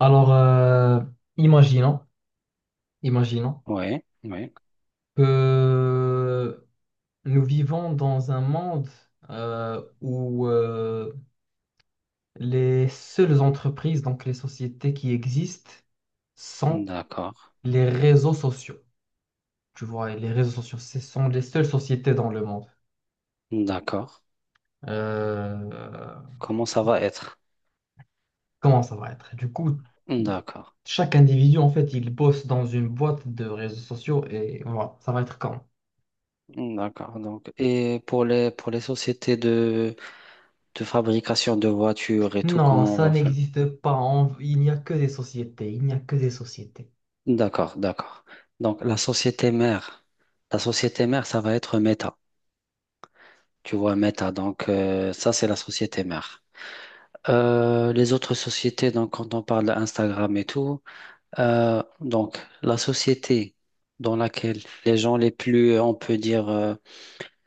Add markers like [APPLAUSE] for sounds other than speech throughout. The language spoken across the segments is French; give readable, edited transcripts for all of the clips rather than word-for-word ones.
Alors, imaginons, imaginons Ouais, ouais, que nous vivons dans un monde où les seules entreprises, donc les sociétés qui existent, sont d'accord, les réseaux sociaux. Tu vois, et les réseaux sociaux, ce sont les seules sociétés dans le monde. d'accord. Euh, Comment ça va être? Comment ça va être? Du coup, D'accord, chaque individu, en fait, il bosse dans une boîte de réseaux sociaux et voilà, ça va être comment? d'accord. Donc, et pour les sociétés de fabrication de voitures et tout, Non, comment on ça va faire? n'existe pas. Il n'y a que des sociétés. Il n'y a que des sociétés. D'accord, d'accord. Donc, la société mère, ça va être Meta. Tu vois, Meta. Donc, ça, c'est la société mère. Les autres sociétés, donc, quand on parle d'Instagram et tout, donc, la société dans laquelle les gens les plus, on peut dire, euh,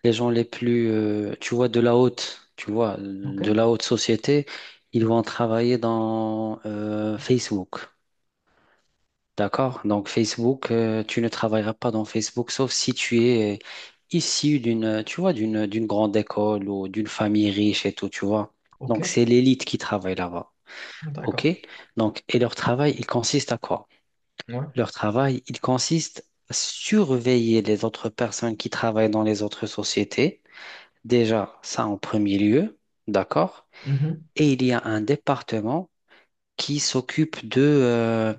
les gens les plus, tu vois, de la haute, tu vois, OK? de la haute société, ils vont travailler dans Facebook. D'accord? Donc Facebook, tu ne travailleras pas dans Facebook sauf si tu es issu d'une, tu vois, d'une grande école ou d'une famille riche et tout, tu vois. OK? Donc c'est l'élite qui travaille là-bas. OK? D'accord. Donc, et leur travail, il consiste à quoi? Ouais. Leur travail, il consiste à surveiller les autres personnes qui travaillent dans les autres sociétés. Déjà, ça en premier lieu, d'accord? Mhm. Et il y a un département qui s'occupe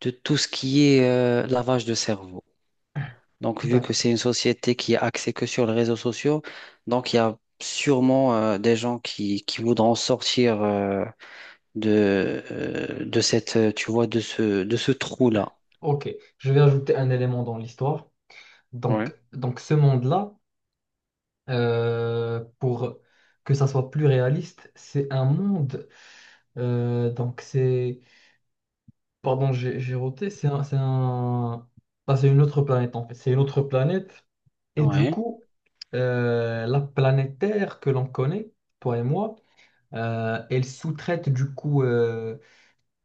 de tout ce qui est lavage de cerveau. Donc, vu que D'accord. c'est une société qui est axée que sur les réseaux sociaux, donc il y a sûrement des gens qui voudront sortir de cette, tu vois, de ce trou-là. OK. Je vais ajouter un élément dans l'histoire. Oui. Donc ce monde-là, pour que ça soit plus réaliste, c'est un monde. Donc, c'est. Pardon, j'ai roté. Bah, c'est une autre planète, en fait. C'est une autre planète. Et du Oui, coup, la planète Terre que l'on connaît, toi et moi, elle sous-traite du coup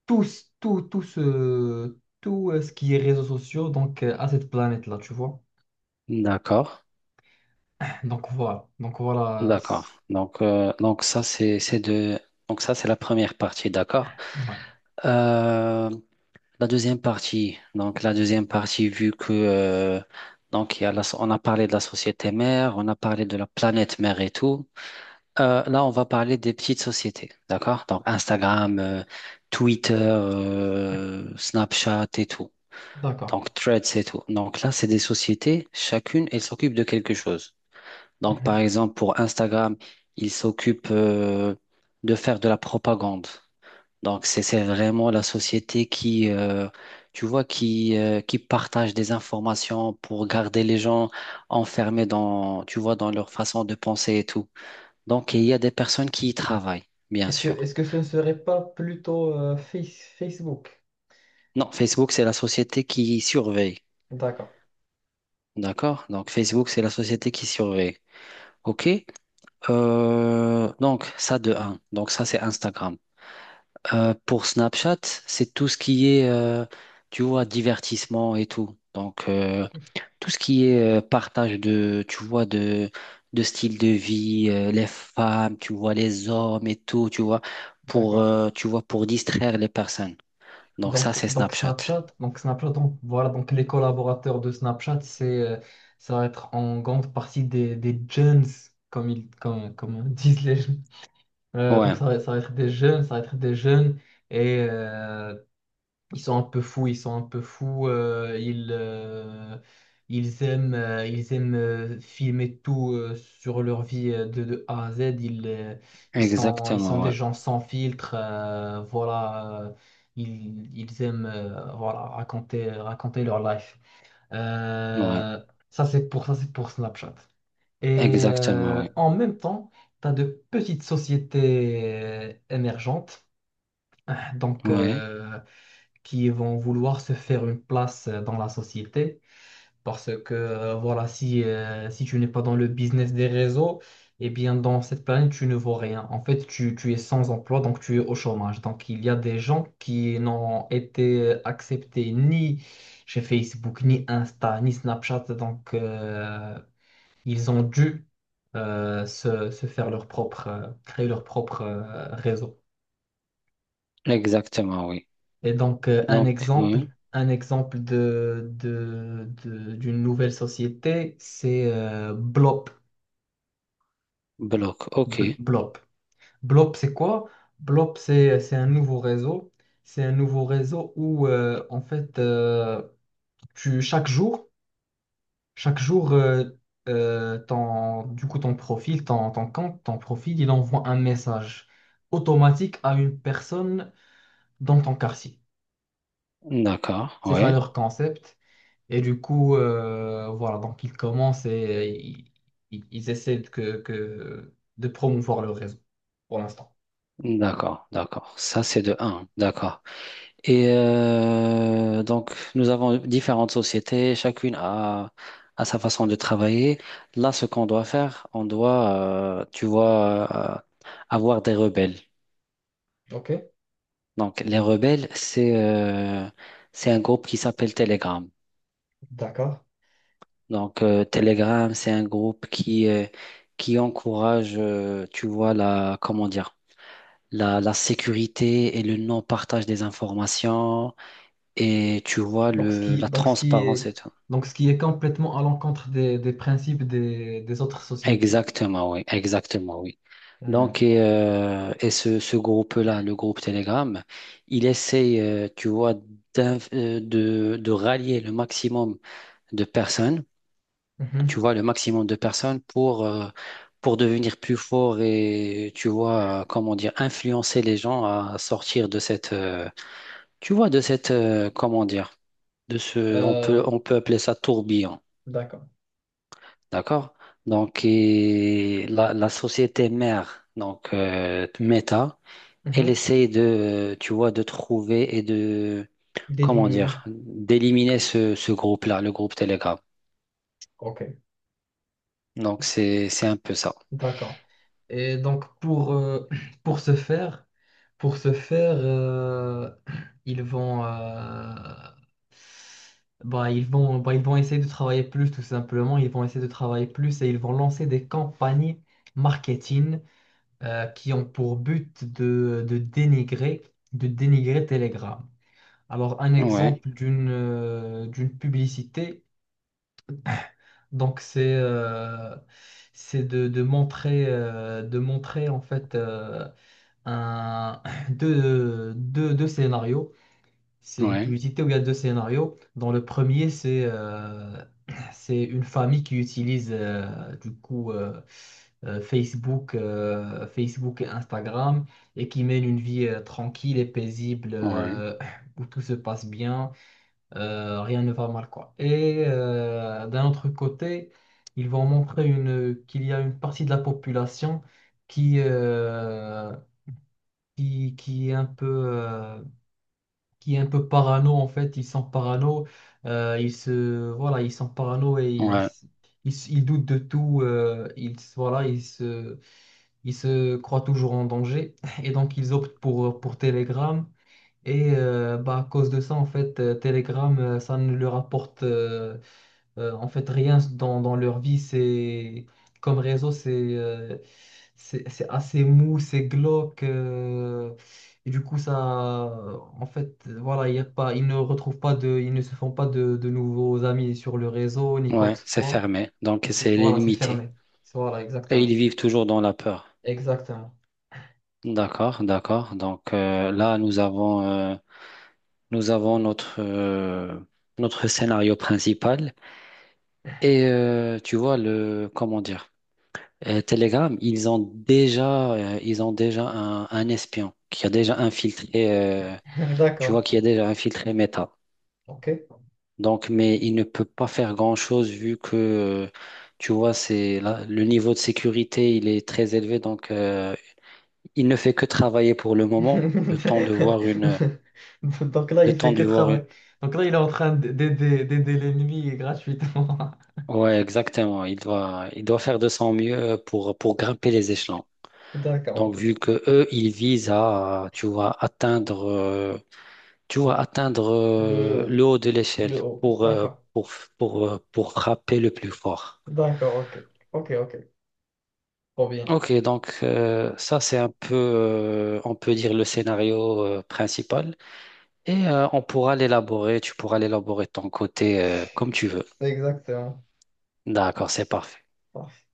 tout, tout ce qui est réseaux sociaux donc, à cette planète-là, tu vois. d'accord, Donc voilà. D'accord. Donc ça c'est de donc ça c'est la première partie, d'accord. Ouais. Euh, La deuxième partie, vu que donc il y a on a parlé de la société mère, on a parlé de la planète mère et tout. Là, on va parler des petites sociétés, d'accord? Donc Instagram, Twitter, Snapchat et tout. D'accord. Donc Threads et tout. Donc là, c'est des sociétés, chacune, elle s'occupe de quelque chose. Donc par Mhm. exemple, pour Instagram, il s'occupe de faire de la propagande. Donc, c'est vraiment la société tu vois, qui partage des informations pour garder les gens enfermés dans, tu vois, dans leur façon de penser et tout. Donc, il y a des personnes qui y travaillent, bien Est-ce que, sûr. est-ce que ce ne serait pas plutôt Facebook? Non, Facebook, c'est la société qui surveille. D'accord, D'accord? Donc, Facebook, c'est la société qui surveille. OK? Donc, ça de un. Donc, ça, c'est Instagram. Pour Snapchat, c'est tout ce qui est, tu vois, divertissement et tout. Donc, tout ce qui est partage de, tu vois, de style de vie, les femmes, tu vois, les hommes et tout, d'accord. Tu vois, pour distraire les personnes. Donc, ça, Donc, c'est donc Snapchat. Snapchat, donc Snapchat, donc voilà, donc les collaborateurs de Snapchat, ça va être en grande partie des jeunes, comme disent les, Ouais, ça va être des jeunes, ça va être des jeunes et ils sont un peu fous, ils sont un peu fous, ils aiment filmer tout sur leur vie de A à Z, ils sont exactement, des ouais. gens sans filtre, voilà, ils aiment voilà, raconter, raconter leur life. Ouais, Euh, Ça c'est pour ça, c'est pour Snapchat. Et exactement, ouais. en même temps, tu as de petites sociétés émergentes donc, Ouais, qui vont vouloir se faire une place dans la société. Parce que si tu n'es pas dans le business des réseaux, eh bien dans cette planète, tu ne vaux rien. En fait, tu es sans emploi, donc tu es au chômage. Donc il y a des gens qui n'ont été acceptés ni chez Facebook, ni Insta, ni Snapchat. Donc ils ont dû se faire leur propre, créer leur propre réseau. exactement, oui. Et donc, Donc, oui, un exemple de, d'une nouvelle société, c'est Blob. bloc, ok. Blob, Blob, c'est quoi? Blob, c'est un nouveau réseau. C'est un nouveau réseau où, en fait, tu, chaque jour, chaque jour, ton compte, ton profil, il envoie un message automatique à une personne dans ton quartier. D'accord, C'est ça ouais. leur concept. Et du coup, voilà, donc ils commencent et ils essaient de promouvoir le réseau pour l'instant. D'accord, d'accord. Ça, c'est de un. D'accord. Et donc, nous avons différentes sociétés, a sa façon de travailler. Là, ce qu'on doit faire, on doit, tu vois, avoir des rebelles. OK, Donc, les rebelles, c'est un groupe qui s'appelle Telegram. d'accord. Donc, Telegram, c'est un groupe qui encourage, tu vois, comment dire, la sécurité et le non-partage des informations et tu vois, Donc ce qui, la donc ce qui transparence est, et tout. donc ce qui est complètement à l'encontre des principes des autres sociétés. Exactement, oui, exactement, oui. Mhm. Donc, et ce groupe-là, le groupe Telegram, il essaye, tu vois, de rallier le maximum de personnes, Mhm. tu vois, le maximum de personnes pour devenir plus fort et, tu vois, comment dire, influencer les gens à sortir de cette, tu vois, de cette, comment dire, Euh, on peut appeler ça tourbillon. d'accord. D'accord? Donc, et la société mère, donc Meta, elle Mhm. essaye de, tu vois, de trouver et de, comment D'éliminer. dire, d'éliminer ce groupe-là, le groupe Telegram. Ok, Donc, c'est un peu ça. d'accord. Et donc pour, [CLEARS THROAT] pour ce faire, pour ce faire, [CLEARS THROAT] ils vont, bah, ils vont, bah, ils vont essayer de travailler plus, tout simplement. Ils vont essayer de travailler plus et ils vont lancer des campagnes marketing qui ont pour but de dénigrer Telegram. Alors un Ouais, exemple d'une publicité. Donc c'est de montrer en fait un [CLEARS THROAT] deux scénarios. C'est une ouais, publicité où il y a deux scénarios. Dans le premier, c'est [CLEARS THROAT] c'est une famille qui utilise Facebook et Instagram et qui mène une vie tranquille et paisible ouais, [CLEARS THROAT] où tout se passe bien rien ne va mal, quoi. Et d'un autre côté, ils vont montrer qu'il y a une partie de la population qui, euh, qui est un peu, qui est un peu parano, en fait. Ils sont parano, voilà, ils sont parano ouais, ils doutent de tout. Ils, s- voilà, ils se, Ils se croient toujours en danger. [LAUGHS] Et donc, ils optent pour Telegram. Et bah, à cause de ça, en fait, Telegram, ça ne leur apporte... en fait, rien dans, dans leur vie, c'est comme réseau, euh, c'est assez mou, c'est glauque. Et du coup, ça, en fait, voilà, il y a pas, ils ne retrouvent pas de, ils ne se font pas de, de nouveaux amis sur le réseau, ni quoi ouais, que ce c'est soit. fermé. Donc, Et c'est, c'est voilà, c'est limité. fermé. Voilà, Et exactement. ils vivent toujours dans la peur. Exactement. D'accord, d'accord. Donc, là, nous avons notre, notre scénario principal. Et tu vois le comment dire Telegram, ils ont déjà un espion qui a déjà infiltré euh, [LAUGHS] tu D'accord. vois qui a déjà infiltré Meta. OK. Donc mais il ne peut pas faire grand-chose vu que tu vois c'est là le niveau de sécurité, il est très élevé donc il ne fait que travailler pour le moment, le temps de [LAUGHS] voir une Donc là, le il fait temps que de voir une. travailler. Donc là, il est en train d'aider l'ennemi gratuitement. Ouais, exactement, il doit faire de son mieux pour grimper les échelons. [LAUGHS] D'accord, Donc, ok. vu que eux, ils visent à, tu vois, atteindre le Le, haut de l'échelle le haut. pour, D'accord. pour, pour frapper le plus fort. D'accord, ok. Ok, ok. Trop bien. Ok, donc ça, c'est un peu, on peut dire, le scénario principal. Et on pourra l'élaborer, tu pourras l'élaborer de ton côté comme tu veux. Exactement. D'accord, c'est parfait. Parfait.